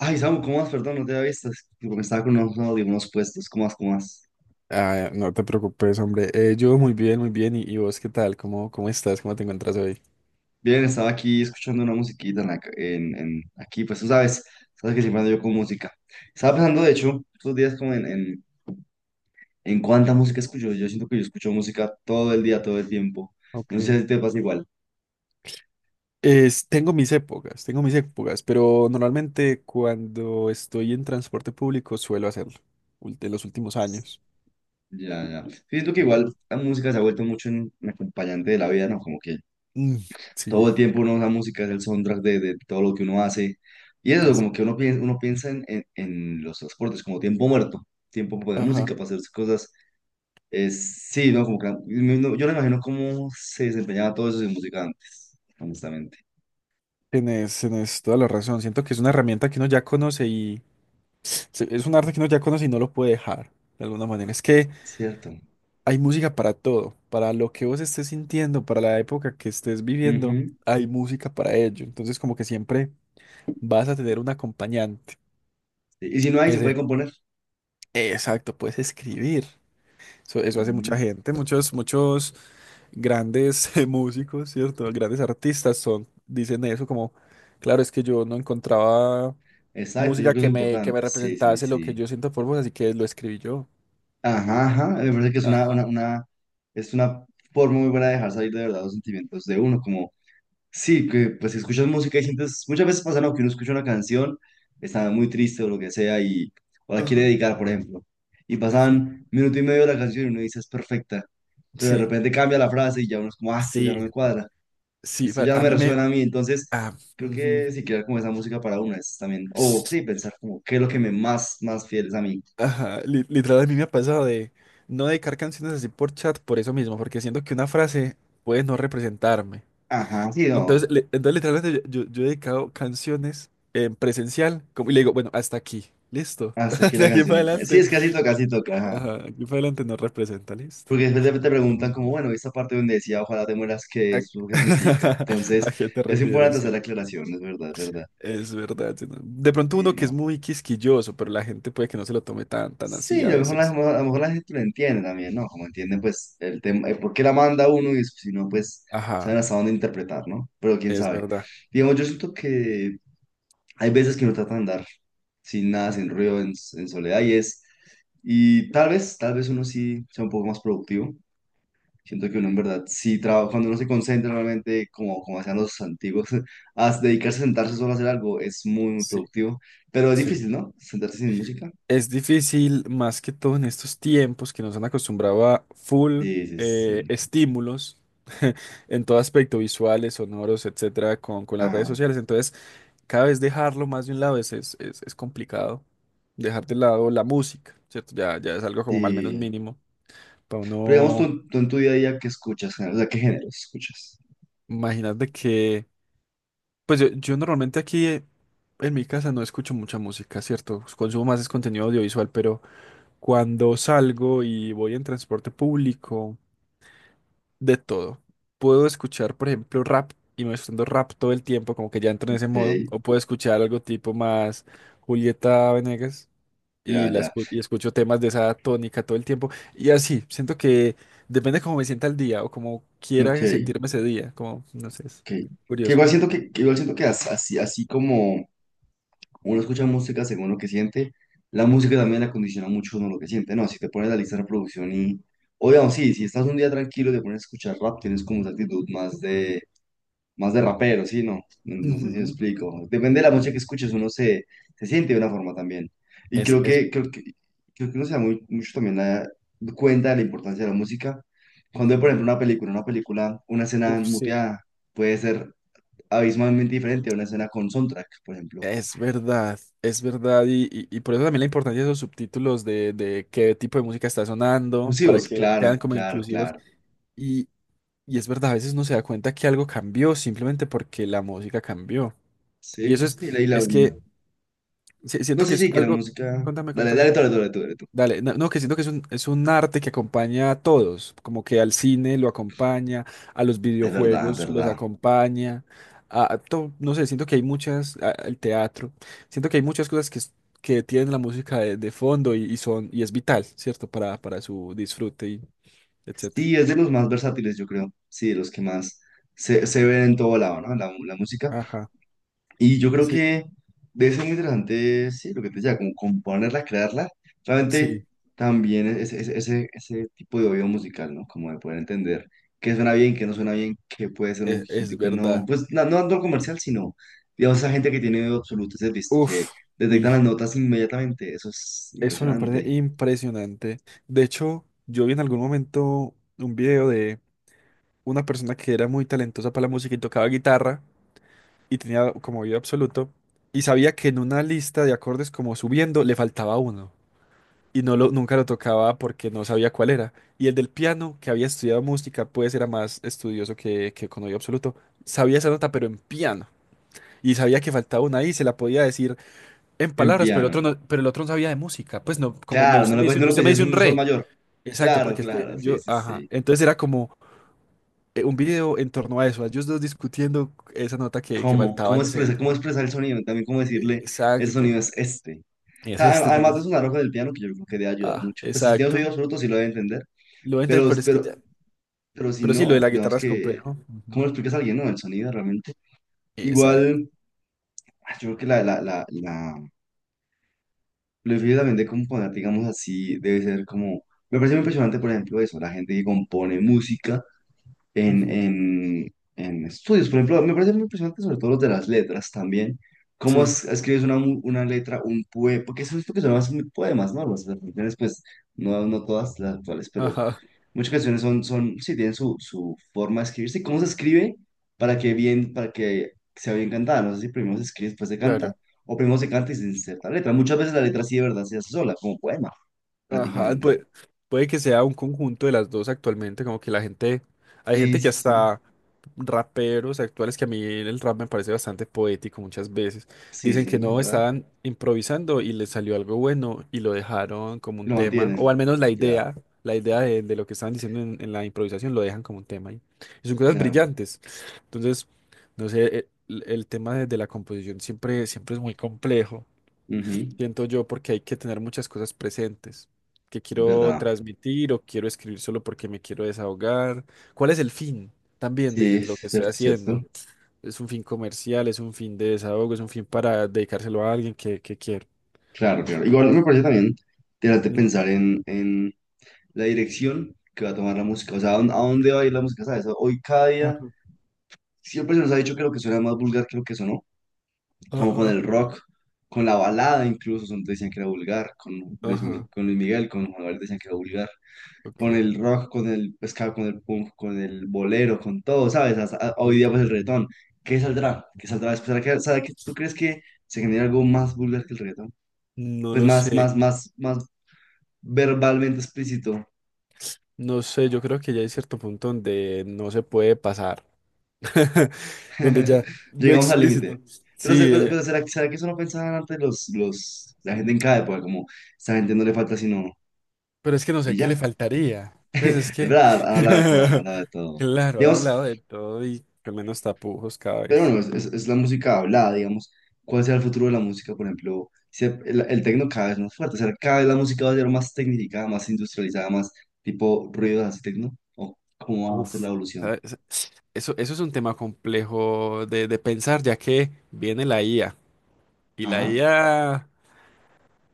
Ay, Samu, ¿cómo vas? Perdón, no te había visto. Es que Me estaba con unos audífonos puestos. ¿Cómo vas? Ah, no te preocupes, hombre. Yo muy bien, muy bien. ¿Y vos qué tal? ¿Cómo estás? ¿Cómo te encuentras hoy? Bien, estaba aquí escuchando una musiquita en, la ca- en- aquí, pues tú sabes, sabes que siempre ando yo con música. Estaba pensando, de hecho, estos días en cuánta música escucho. Yo siento que yo escucho música todo el día, todo el tiempo. Ok. No sé si te pasa igual. Tengo mis épocas, tengo mis épocas, pero normalmente cuando estoy en transporte público suelo hacerlo, de los últimos años. Ya, ya. Siento que igual Ujú. la música se ha vuelto mucho un acompañante de la vida, ¿no? Como que Mm, todo sí, el tiempo uno, la música es el soundtrack de todo lo que uno hace. Y eso, es, como que uno piensa en los transportes como tiempo muerto, tiempo de ajá. música para hacer cosas. Es, sí, ¿no? Como que, no, yo no imagino cómo se desempeñaba todo eso sin música antes, honestamente. Tienes, tienes toda la razón. Siento que es una herramienta que uno ya conoce y es un arte que uno ya conoce y no lo puede dejar. De alguna manera. Es que Cierto. hay música para todo, para lo que vos estés sintiendo, para la época que estés viviendo, Ujú. hay música para ello. Entonces, como que siempre vas a tener un acompañante. Sí, y si no hay, se puede Ese. componer. Exacto, puedes escribir. Eso hace mucha Ujú. gente, muchos, muchos grandes músicos, ¿cierto? Grandes artistas son, dicen eso como, claro, es que yo no encontraba Exacto, yo música creo que es lo que importante. me Sí, sí, representase lo que sí. yo siento por vos, así que lo escribí yo. Ajá, ajá. Me parece que es Ajá, es una forma muy buena de dejar salir de verdad los sentimientos de uno, como sí, que pues si escuchas música y sientes, muchas veces pasa, ¿no? Que uno escucha una canción, está muy triste o lo que sea y o la quiere ajá, dedicar, por ejemplo, y sí. pasan minuto y medio de la canción y uno dice es perfecta, pero de Sí. repente cambia la frase y ya uno es como, ah, esto ya no Sí. me cuadra, Sí, esto ya no a me mí me, resuena a mí, entonces ah, creo ujú. que si crear como esa música para una es también, o sí, pensar como qué es lo que me más fiel es a mí. Ajá, literal a mí me ha pasado de no dedicar canciones así por chat por eso mismo, porque siento que una frase puede no representarme. Ajá, sí, no, Entonces, entonces literalmente yo, yo he dedicado canciones en presencial como, y le digo, bueno, hasta aquí, listo, hasta aquí de la aquí para canción. Sí, adelante. es casi toca, ajá. Ajá, de aquí para adelante no representa, listo. Porque después te Pero muy preguntan bien. como, bueno, esta parte donde decía, ojalá te mueras, ¿qué ¿A, es? ¿Eso qué significa? a Entonces, qué te es importante refieres? hacer la ¿Sí? aclaración, es verdad, es verdad. Es verdad. Sí, no. De pronto Y uno que es no. muy quisquilloso, pero la gente puede que no se lo tome tan, tan así Sí, a veces. a lo mejor la gente lo entiende también, ¿no? Como entienden, pues, el tema, el por qué la manda uno y si no, pues, saben Ajá. hasta dónde interpretar, ¿no? Pero quién Es sabe. verdad. Digamos, yo siento que hay veces que uno trata de andar sin nada, sin ruido, en soledad y es, y tal vez uno sí sea un poco más productivo. Siento que uno en verdad sí trabaja, cuando uno se concentra realmente, como, como hacían los antiguos, a Sí. dedicarse a sentarse solo a hacer algo es muy, muy Sí, productivo, pero es sí. difícil, ¿no? Sentarse sin música. Es difícil, más que todo en estos tiempos que nos han acostumbrado a full Sí, sí, sí. estímulos en todo aspecto, visuales, sonoros, etcétera, con las Ah, redes sociales. Entonces, cada vez dejarlo más de un lado es, es complicado. Dejar de lado la música, ¿cierto? Ya, ya es algo como al menos sí. mínimo. Para Pero digamos, uno, tú en tu día a día, ¿qué escuchas? O sea, ¿qué géneros escuchas? imagínate que. Pues yo normalmente aquí en mi casa no escucho mucha música, ¿cierto? Consumo más es contenido audiovisual, pero cuando salgo y voy en transporte público, de todo. Puedo escuchar, por ejemplo, rap y me estoy rap todo el tiempo, como que ya entro en ese modo, Ok, o puedo escuchar algo tipo más Julieta Venegas ya, y, ya. Y escucho temas de esa tónica todo el tiempo. Y así, siento que depende cómo me sienta el día o como Ok, quiera sentirme ese día, como, no sé, es ok. Que curioso. igual siento que igual siento que así, así como uno escucha música según lo que siente. La música también la condiciona mucho uno lo que siente, ¿no? Si te pones la lista de reproducción y... O digamos, sí, si estás un día tranquilo y te pones a escuchar rap, tienes como esa actitud más de... Más de rapero, ¿sí? No, no, no sé si me Ujú, explico. Depende de la música que escuches, se siente de una forma también. Y Es, es, creo que uno se da muy, mucho también cuenta de la importancia de la música. Cuando ve, por ujú. ejemplo, una película, una escena Uf, sí. muteada puede ser abismalmente diferente a una escena con soundtrack, por ejemplo. Es verdad, y, y por eso también la importancia de esos subtítulos de qué tipo de música está sonando, para Inclusivos, que claro, sean como claro, inclusivos. claro. Y, y es verdad, a veces uno se da cuenta que algo cambió simplemente porque la música cambió. Y Sí, eso sí, sí, leí la... es que No, siento que sí, es sí, que la algo, música... contame, Dale, contame. dale, dale, dale, tú, dale tú. Dale, no, no, que siento que es un arte que acompaña a todos, como que al cine lo acompaña, a los Es verdad, es videojuegos los verdad. acompaña, a, no sé, siento que hay muchas, al teatro, siento que hay muchas cosas que, que tienen la música de fondo y son, y es vital, ¿cierto? Para su disfrute y etcétera. Sí, es de los más versátiles, yo creo. Sí, de los que más se ven en todo lado, ¿no? La música. Ajá, Y yo creo sí, que debe ser muy interesante, sí, lo que te decía, como componerla, crearla. Realmente sí. también ese, ese tipo de oído musical, ¿no? Como de poder entender qué suena bien, qué no suena bien, qué puede ser un hit Es, y qué no. verdad. Pues no, no tanto comercial, sino, digamos, esa gente que tiene oído absoluto, ese visto, que Uf, detectan las y notas inmediatamente. Eso es eso me parece impresionante. impresionante. De hecho, yo vi en algún momento un video, una persona que era muy talentosa para la música y tocaba guitarra y tenía como oído absoluto y sabía que en una lista de acordes como subiendo le faltaba uno y no lo, nunca lo tocaba porque no sabía cuál era. Y el del piano, que había estudiado música, pues era más estudioso que con oído absoluto, sabía esa nota pero en piano. Y sabía que faltaba una y se la podía decir en En palabras, pero el otro piano. no, pero el otro no sabía de música. Pues no, como me, Claro, usted me dice, no le usted puedes me decir dice es un un sol re. mayor. Exacto, Claro, porque es que claro, sí, yo, sí, ajá. sí. Entonces era como, un video en torno a eso, a ellos dos discutiendo esa nota que ¿Cómo? faltaba en ese... Cómo expresar el sonido? También cómo decirle, el sonido exacto. es este. O Es sea, este, pero además de sé. sonar ojo del piano, que yo creo que debe ayudar Ah, mucho. Pues si tienes exacto. oídos frutos, sí lo debe entender. Lo voy a entender, Pero, pero es que pero, ya... pero si Pero sí, lo no, de la digamos guitarra es que, complejo. ¿cómo Ujú. lo explicas a alguien, no? El sonido realmente. Exacto. Igual, ah, yo creo que lo difícil también de componer, digamos así, debe ser como... Me parece muy impresionante, por ejemplo, eso, la gente que compone música Ujú. En estudios. Por ejemplo, me parece muy impresionante sobre todo los de las letras también. Cómo Sí. Escribes una, una letra, un poema, porque eso es lo que son más muy poemas, ¿no? Las canciones, pues, no, no todas las actuales, pero Ajá. muchas canciones sí, tienen su, su forma de escribirse. ¿Cómo se escribe para que Ujú. bien, para que sea bien cantada? No sé si primero se escribe, después se canta, Claro. o primero se canta y se inserta la letra. Muchas veces la letra sí de verdad se hace sola, como poema, Ajá. prácticamente. Puede, puede que sea un conjunto de las dos actualmente, como que la gente... Hay Sí, gente que sí, sí. hasta... raperos actuales que a mí el rap me parece bastante poético muchas veces. Sí, Dicen que sí, es no, ¿verdad? estaban improvisando y les salió algo bueno y lo dejaron como Y un lo tema, o mantienen. al menos Ya, la idea de lo que estaban diciendo en la improvisación lo dejan como un tema ahí. Y son cosas claro. brillantes. Entonces, no sé, el tema de la composición siempre, siempre es muy complejo Ujú, siento yo, porque hay que tener muchas cosas presentes que es quiero verdad. transmitir o quiero escribir solo porque me quiero desahogar. ¿Cuál es el fin también Sí, sí, de lo que es estoy cierto, es cierto. haciendo? ¿Es un fin comercial? ¿Es un fin de desahogo? ¿Es un fin para dedicárselo a alguien que quiero? Claro, claro. Igual me parece también interesante Mm. pensar en la dirección que va a tomar la música. O sea, a dónde va a ir la música? ¿Sabes? Hoy cada día Ajá, siempre se nos ha dicho que lo que suena es más vulgar que lo que sonó. Como con ajá, el rock, con la balada incluso, son, decían que era vulgar. Con ajá, con Luis Miguel, con Juan Gabriel decían que era vulgar. Con ok, el rock, con el pescado, con el punk, con el bolero, con todo, ¿sabes? Hasta ah, hoy día punto. pues el reggaetón. ¿Qué saldrá? ¿Qué saldrá después? Será que tú crees que se genera algo más vulgar que el reggaetón? No Pues lo sé, más verbalmente explícito. no sé, yo creo que ya hay cierto punto donde no se puede pasar, donde ya lo Llegamos al límite. explícito. Pero, Sí. pero ¿será, será que eso no pensaban antes los, la gente en cada época? Como, esta gente no le falta sino... Pero es que no Y sé qué le ya. faltaría. Pues es Es que, verdad, a la de todo, a la de todo. claro, ahora han Digamos, hablado de todo y con menos tapujos cada pero vez. bueno, es la música hablada, digamos. ¿Cuál será el futuro de la música? Por ejemplo, si el, el tecno cada vez más fuerte, o sea, cada vez la música va a ser más tecnificada, más industrializada, más tipo ruidos así tecno. ¿O cómo va a ser la Uf, evolución? ¿sabes? Eso es un tema complejo de pensar, ya que viene la IA. Y la Ajá. IA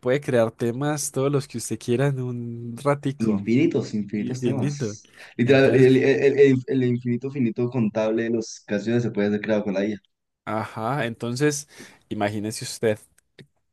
puede crear temas, todos los que usted quiera, en un ratico, Infinitos, infinitos infinito. temas. Literal, el, Entonces, el- el- el infinito finito contable de las canciones se puede hacer creado con la IA. ajá, entonces, imagínese usted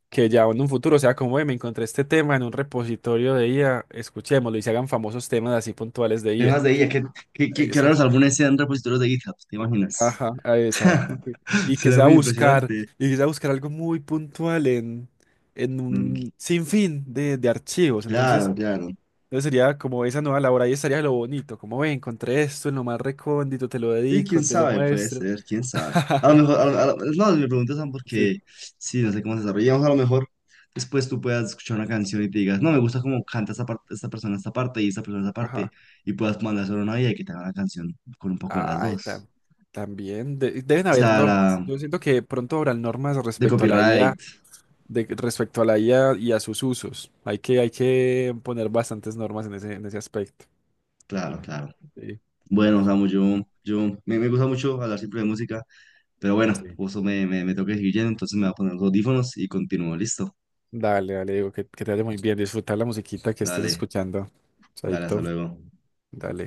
que ya en un futuro sea como, "Ey, me encontré este tema en un repositorio de IA, escuchémoslo" y se hagan famosos temas así puntuales de IA. Temas de IA, que ahora Eso, los álbumes sean repositorios de GitHub, ¿te imaginas? ajá, ah, exacto. Y que Será sea muy buscar, impresionante. y que sea buscar algo muy puntual en Mm, un sinfín de archivos. claro, Entonces, claro. entonces sería como esa nueva labor, ahí estaría lo bonito, como, "Ve, encontré esto en lo más recóndito, te lo Sí, quién dedico, te lo sabe, puede muestro." ser, quién sabe. A lo mejor, no, me preguntas Sam, Sí. porque sí, no sé cómo se desarrollamos. A lo mejor después tú puedas escuchar una canción y te digas, no, me gusta cómo canta esta parte, esta persona esta parte y esta persona esta parte, Ajá. y puedas mandar solo una y que te haga una canción con un poco de las Ay, dos. También deben O haber sea, la, normas. Yo siento que pronto habrán normas de respecto a la IA, copyright, de, respecto a la IA y a sus usos. Hay que poner bastantes normas en ese aspecto. claro, claro. Sí. Bueno, Samu, me gusta mucho hablar siempre de música, pero bueno, Sí. justo me tengo que seguir yendo, entonces me voy a poner los audífonos y continúo, listo. Dale, dale, digo, que te vaya muy bien. Disfrutar la musiquita que estés Dale, escuchando. dale, hasta Chaito, luego. dale.